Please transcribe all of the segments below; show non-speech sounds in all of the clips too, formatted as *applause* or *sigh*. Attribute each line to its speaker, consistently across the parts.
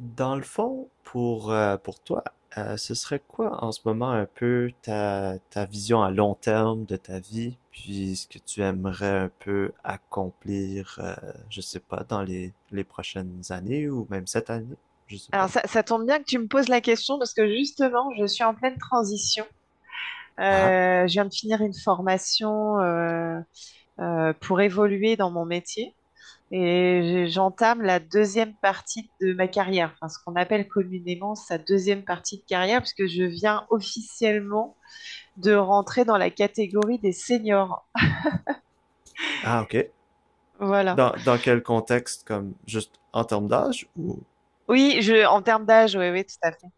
Speaker 1: Dans le fond, pour toi, ce serait quoi en ce moment un peu ta vision à long terme de ta vie, puis ce que tu aimerais un peu accomplir, je sais pas, dans les prochaines années ou même cette année, je sais pas.
Speaker 2: Alors ça tombe bien que tu me poses la question parce que justement, je suis en pleine transition.
Speaker 1: Ah,
Speaker 2: Je viens de finir une formation pour évoluer dans mon métier et j'entame la deuxième partie de ma carrière, enfin ce qu'on appelle communément sa deuxième partie de carrière, puisque je viens officiellement de rentrer dans la catégorie des seniors.
Speaker 1: ah, ok.
Speaker 2: Voilà.
Speaker 1: Dans quel contexte, comme juste en termes d'âge ou...
Speaker 2: Oui, en termes d'âge, oui, oui, tout à fait.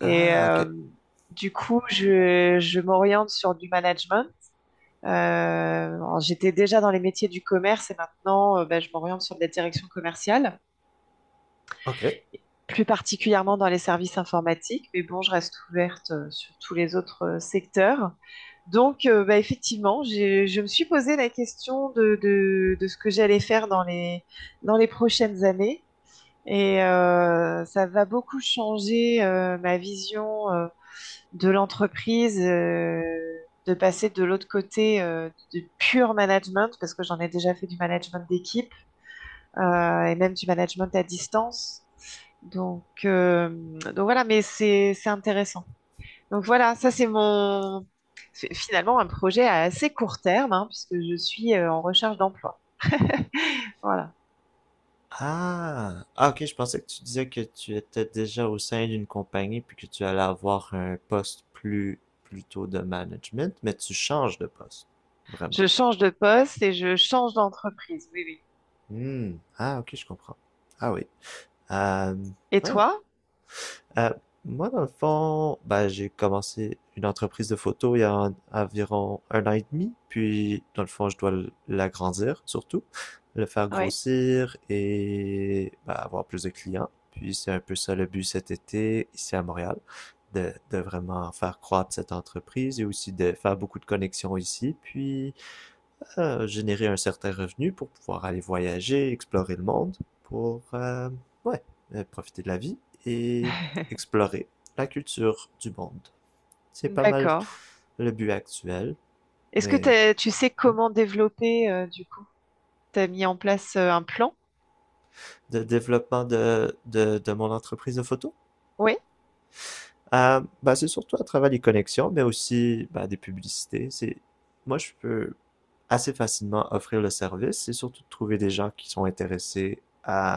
Speaker 2: Et
Speaker 1: Ah, ok,
Speaker 2: du coup, je m'oriente sur du management. Euh, alors, j'étais déjà dans les métiers du commerce et maintenant, ben, je m'oriente sur de la direction commerciale,
Speaker 1: ok.
Speaker 2: et plus particulièrement dans les services informatiques, mais bon, je reste ouverte sur tous les autres secteurs. Donc, bah, effectivement, je me suis posé la question de ce que j'allais faire dans dans les prochaines années. Et ça va beaucoup changer ma vision de l'entreprise, de passer de l'autre côté du pur management, parce que j'en ai déjà fait du management d'équipe et même du management à distance. Donc, euh, donc voilà, mais c'est intéressant. Donc voilà, ça c'est mon c'est finalement un projet à assez court terme, hein, puisque je suis en recherche d'emploi. *laughs* Voilà,
Speaker 1: Ah! Ah, ok, je pensais que tu disais que tu étais déjà au sein d'une compagnie puis que tu allais avoir un poste plus plutôt de management, mais tu changes de poste. Vraiment.
Speaker 2: je change de poste et je change d'entreprise. Oui, oui.
Speaker 1: Hmm. Ah, ok, je comprends. Ah oui. Euh,
Speaker 2: Et
Speaker 1: ah,
Speaker 2: toi?
Speaker 1: Euh, moi, dans le fond, ben, j'ai commencé une entreprise de photo il y a environ un an et demi, puis dans le fond, je dois l'agrandir surtout, le faire
Speaker 2: Oui.
Speaker 1: grossir et ben, avoir plus de clients. Puis c'est un peu ça le but cet été ici à Montréal, de vraiment faire croître cette entreprise et aussi de faire beaucoup de connexions ici, puis à générer un certain revenu pour pouvoir aller voyager, explorer le monde, pour ouais, profiter de la vie et
Speaker 2: *laughs*
Speaker 1: explorer la culture du monde. C'est pas mal
Speaker 2: D'accord.
Speaker 1: le but actuel,
Speaker 2: Est-ce que
Speaker 1: mais
Speaker 2: tu sais
Speaker 1: hmm,
Speaker 2: comment développer du coup? T'as mis en place un plan?
Speaker 1: de développement de mon entreprise de photo.
Speaker 2: Oui.
Speaker 1: Bah, c'est surtout à travers les connexions, mais aussi bah, des publicités. C'est moi, je peux assez facilement offrir le service. C'est surtout de trouver des gens qui sont intéressés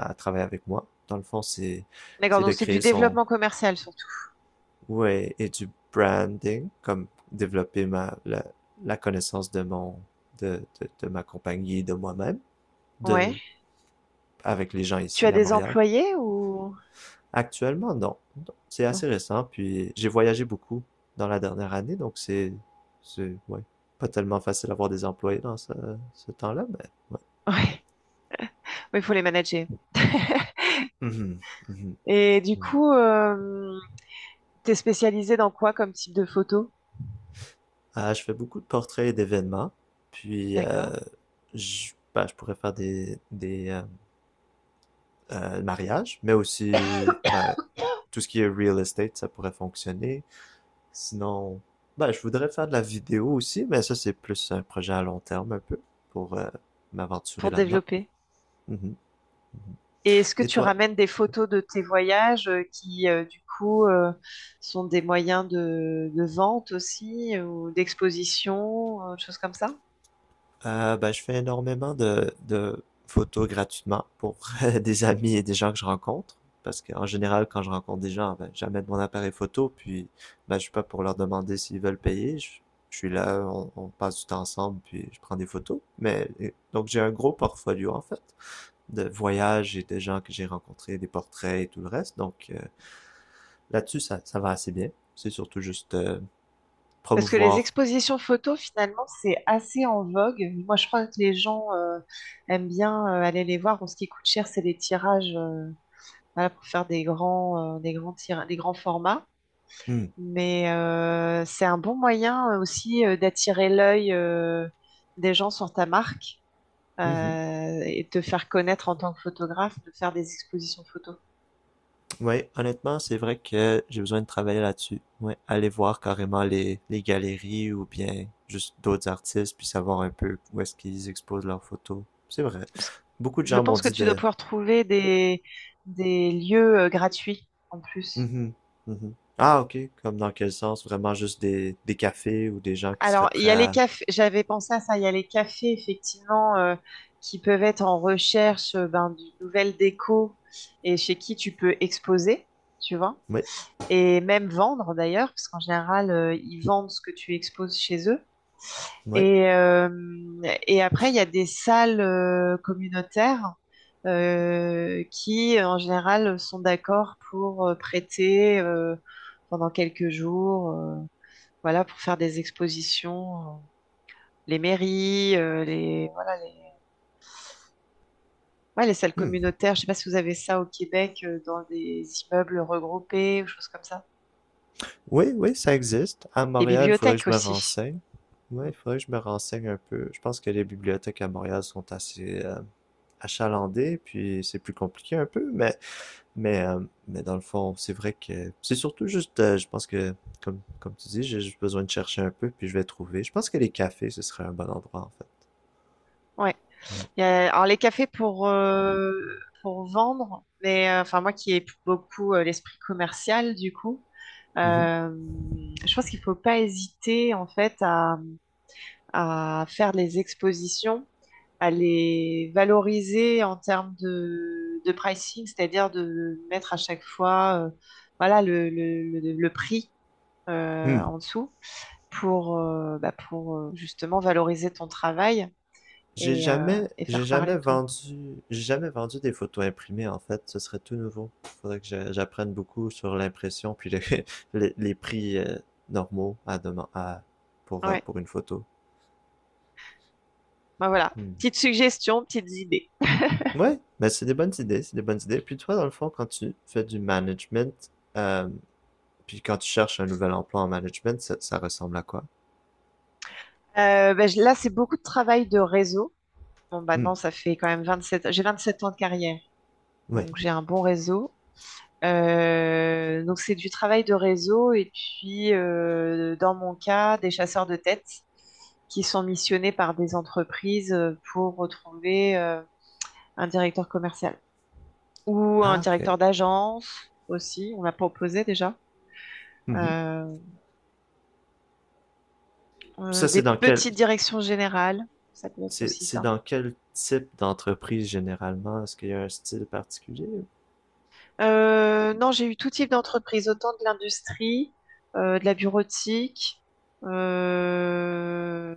Speaker 1: à travailler avec moi. Dans le fond,
Speaker 2: D'accord,
Speaker 1: c'est de
Speaker 2: donc c'est du
Speaker 1: créer son
Speaker 2: développement commercial surtout.
Speaker 1: ouais et du branding, comme développer la connaissance de mon de ma compagnie et de moi-même, de
Speaker 2: Ouais.
Speaker 1: avec les gens
Speaker 2: Tu
Speaker 1: ici
Speaker 2: as
Speaker 1: à
Speaker 2: des
Speaker 1: Montréal.
Speaker 2: employés ou
Speaker 1: Actuellement, non. Non. C'est
Speaker 2: non?
Speaker 1: assez récent, puis j'ai voyagé beaucoup dans la dernière année, donc c'est, ouais, pas tellement facile d'avoir des employés dans ce temps-là, mais ouais.
Speaker 2: *laughs* Ouais. Oui, il faut les manager. *laughs*
Speaker 1: Mhm, mhm,
Speaker 2: Et du
Speaker 1: mhm.
Speaker 2: coup, t'es spécialisé dans quoi comme type de photo?
Speaker 1: Ah, je fais beaucoup de portraits et d'événements, puis
Speaker 2: D'accord.
Speaker 1: je, ben, je pourrais faire des mariages, mais aussi ben, tout ce qui est real estate, ça pourrait fonctionner. Sinon, ben, je voudrais faire de la vidéo aussi, mais ça, c'est plus un projet à long terme un peu pour m'aventurer
Speaker 2: Pour
Speaker 1: là-dedans.
Speaker 2: développer.
Speaker 1: Mhm.
Speaker 2: Et est-ce que
Speaker 1: Et
Speaker 2: tu
Speaker 1: toi?
Speaker 2: ramènes des photos de tes voyages sont des moyens de vente aussi ou d'exposition, choses comme ça?
Speaker 1: Ben, je fais énormément de photos gratuitement pour *laughs* des amis et des gens que je rencontre. Parce qu'en général, quand je rencontre des gens, ben, j'amène mon appareil photo, puis ben, je suis pas pour leur demander s'ils veulent payer. Je suis là, on passe du temps ensemble, puis je prends des photos. Mais, donc j'ai un gros portfolio en fait. De voyages et de gens que j'ai rencontrés, des portraits et tout le reste. Donc là-dessus, ça va assez bien. C'est surtout juste
Speaker 2: Parce que les
Speaker 1: promouvoir.
Speaker 2: expositions photos, finalement, c'est assez en vogue. Moi, je crois que les gens aiment bien aller les voir. Bon, ce qui coûte cher, c'est les tirages voilà, pour faire des grands tira- des grands formats.
Speaker 1: Hmm.
Speaker 2: Mais c'est un bon moyen aussi d'attirer l'œil des gens sur ta marque
Speaker 1: Mhm.
Speaker 2: et de te faire connaître en tant que photographe, de faire des expositions photos.
Speaker 1: Ouais, honnêtement, c'est vrai que j'ai besoin de travailler là-dessus. Ouais, aller voir carrément les galeries ou bien juste d'autres artistes, puis savoir un peu où est-ce qu'ils exposent leurs photos. C'est vrai.
Speaker 2: Parce que
Speaker 1: Beaucoup de
Speaker 2: je
Speaker 1: gens m'ont
Speaker 2: pense que
Speaker 1: dit
Speaker 2: tu dois
Speaker 1: de...
Speaker 2: pouvoir trouver des lieux gratuits en plus.
Speaker 1: Mhm, mhm. Ah, ok. Comme dans quel sens? Vraiment juste des cafés ou des gens qui seraient
Speaker 2: Alors, il
Speaker 1: prêts
Speaker 2: y a les
Speaker 1: à...
Speaker 2: cafés, j'avais pensé à ça, il y a les cafés, effectivement, qui peuvent être en recherche ben, d'une nouvelle déco et chez qui tu peux exposer, tu vois,
Speaker 1: Oui,
Speaker 2: et même vendre d'ailleurs, parce qu'en général, ils vendent ce que tu exposes chez eux.
Speaker 1: oui.
Speaker 2: Et, euh, et après, il y a des salles communautaires qui, en général, sont d'accord pour prêter pendant quelques jours, voilà, pour faire des expositions. Les mairies, voilà, ouais, les salles
Speaker 1: Hmm.
Speaker 2: communautaires. Je sais pas si vous avez ça au Québec, dans des immeubles regroupés ou choses comme ça.
Speaker 1: Oui, oui, ça existe. À
Speaker 2: Les
Speaker 1: Montréal, il faudrait que
Speaker 2: bibliothèques
Speaker 1: je me
Speaker 2: aussi.
Speaker 1: renseigne.
Speaker 2: Mm.
Speaker 1: Ouais, faudrait que je me renseigne un peu. Je pense que les bibliothèques à Montréal sont assez achalandées, puis c'est plus compliqué un peu, mais mais euh, mais dans le fond, c'est vrai que c'est surtout juste, je pense que comme comme tu dis, j'ai juste besoin de chercher un peu, puis je vais trouver. Je pense que les cafés, ce serait un bon endroit en fait.
Speaker 2: Ouais.
Speaker 1: Ouais.
Speaker 2: Alors les cafés pour vendre, mais enfin moi qui ai beaucoup l'esprit commercial du coup,
Speaker 1: Mhm.
Speaker 2: euh, je pense qu'il faut pas hésiter en fait à faire les expositions, à les valoriser en termes de pricing, c'est-à-dire de mettre à chaque fois voilà le prix
Speaker 1: Hmm.
Speaker 2: en dessous pour, pour justement valoriser ton travail et, euh, et faire parler de toi.
Speaker 1: J'ai jamais vendu des photos imprimées en fait. Ce serait tout nouveau. Faudrait que j'apprenne beaucoup sur l'impression puis le- *laughs* les prix normaux à
Speaker 2: Ouais.
Speaker 1: pour une photo.
Speaker 2: Ben voilà,
Speaker 1: Hmm.
Speaker 2: petites suggestions, petites idées.
Speaker 1: Ouais, mais c'est des bonnes idées, c'est des bonnes idées. Puis toi, dans le fond, quand tu fais du management, euh, puis quand tu cherches un nouvel emploi en management, ça ressemble à quoi?
Speaker 2: Ben, là, c'est beaucoup de travail de réseau. Bon,
Speaker 1: Hmm.
Speaker 2: maintenant, ça fait quand même 27 j'ai 27 ans de carrière,
Speaker 1: Ouais.
Speaker 2: donc j'ai un bon réseau. Donc, c'est du travail de réseau et puis, dans mon cas, des chasseurs de tête qui sont missionnés par des entreprises pour retrouver un directeur commercial ou un
Speaker 1: Ah, ok.
Speaker 2: directeur d'agence aussi, on m'a proposé déjà.
Speaker 1: Mhm.
Speaker 2: Euh,
Speaker 1: Ça,
Speaker 2: des petites directions générales, ça peut être aussi
Speaker 1: c'est
Speaker 2: ça.
Speaker 1: dans quel type d'entreprise généralement? Est-ce qu'il y a un style particulier.
Speaker 2: Non, j'ai eu tout type d'entreprise, autant de l'industrie, de la bureautique, euh,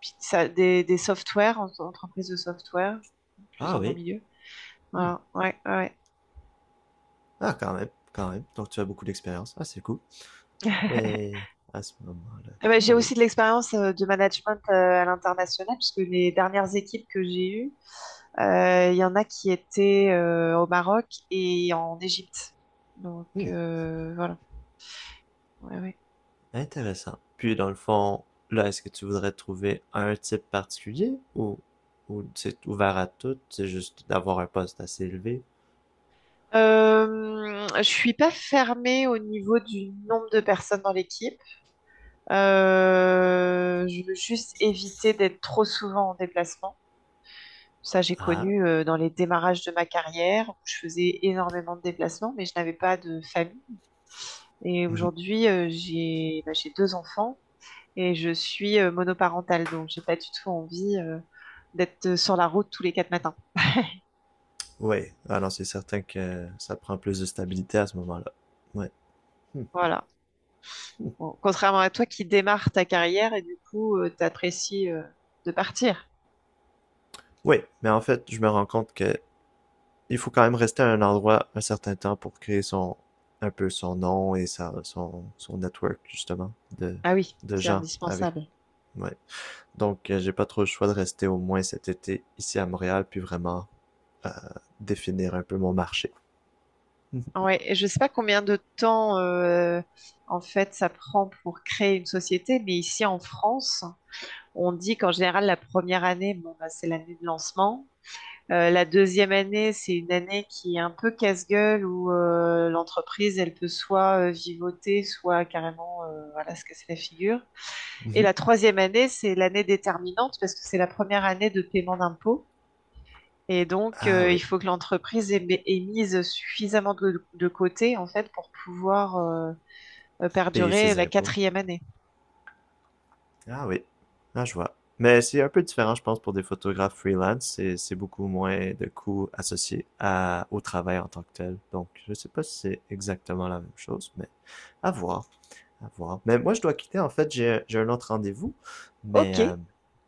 Speaker 2: puis des softwares, entreprises de software, plus
Speaker 1: Ah
Speaker 2: dans mon
Speaker 1: oui.
Speaker 2: milieu.
Speaker 1: Hmm.
Speaker 2: Voilà, ouais, ouais.
Speaker 1: Ah, quand même, quand même. Donc, tu as beaucoup d'expérience. Ah, c'est cool.
Speaker 2: *laughs*
Speaker 1: Mais à ce moment-là.
Speaker 2: Eh ben,
Speaker 1: Ah
Speaker 2: j'ai
Speaker 1: oui.
Speaker 2: aussi de l'expérience de management à l'international, puisque les dernières équipes que j'ai eues, il y en a qui étaient au Maroc et en Égypte.
Speaker 1: Hmm.
Speaker 2: Voilà. Ouais, ouais.
Speaker 1: Intéressant. Puis, dans le fond, là, est-ce que tu voudrais trouver un type particulier ou c'est ouvert à tout? C'est juste d'avoir un poste assez élevé?
Speaker 2: Je suis pas fermée au niveau du nombre de personnes dans l'équipe. Je veux juste éviter d'être trop souvent en déplacement. Ça, j'ai
Speaker 1: Ah. *laughs*
Speaker 2: connu dans les démarrages de ma carrière où je faisais énormément de déplacements, mais je n'avais pas de famille. Et
Speaker 1: Hmm.
Speaker 2: aujourd'hui, j'ai deux enfants et je suis monoparentale, donc j'ai pas du tout envie d'être sur la route tous les quatre matins. *laughs*
Speaker 1: Oui. Ah non, c'est certain que ça prend plus de stabilité à ce moment-là. Ouais. Hmm.
Speaker 2: Voilà.
Speaker 1: Hmm.
Speaker 2: Bon, contrairement à toi qui démarre ta carrière et du coup, t'apprécies de partir.
Speaker 1: Oui, mais en fait, je me rends compte que il faut quand même rester à un endroit un certain temps pour créer son un peu son nom et son network justement de,
Speaker 2: Ah oui,
Speaker 1: de
Speaker 2: c'est
Speaker 1: gens avec
Speaker 2: indispensable.
Speaker 1: ouais. Donc j'ai pas trop le choix de rester au moins cet été ici à Montréal puis vraiment euh, définir un peu mon marché.
Speaker 2: Ah
Speaker 1: *laughs*
Speaker 2: ouais, et je sais pas combien de temps en fait ça prend pour créer une société, mais ici en France, on dit qu'en général la première année, bon, bah, c'est l'année de lancement. La deuxième année, c'est une année qui est un peu casse-gueule où l'entreprise, elle peut soit vivoter, soit carrément voilà, se casser la figure. Et la troisième année, c'est l'année déterminante parce que c'est la première année de paiement d'impôts. Et donc,
Speaker 1: Ah
Speaker 2: il
Speaker 1: oui,
Speaker 2: faut que l'entreprise ait mise suffisamment de côté, en fait, pour pouvoir
Speaker 1: payer
Speaker 2: perdurer
Speaker 1: ses
Speaker 2: la
Speaker 1: impôts.
Speaker 2: quatrième année.
Speaker 1: Ah oui, ah je vois. Mais c'est un peu différent, je pense, pour des photographes freelance. C'est beaucoup moins de coûts associés à, au travail en tant que tel. Donc, je sais pas si c'est exactement la même chose, mais à voir. À voir. Mais moi, je dois quitter. En fait, j'ai un autre rendez-vous. Mais, euh,
Speaker 2: OK,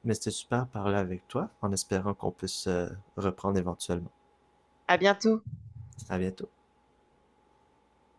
Speaker 1: mais c'était super de parler avec toi en espérant qu'on puisse reprendre éventuellement.
Speaker 2: à bientôt.
Speaker 1: À bientôt.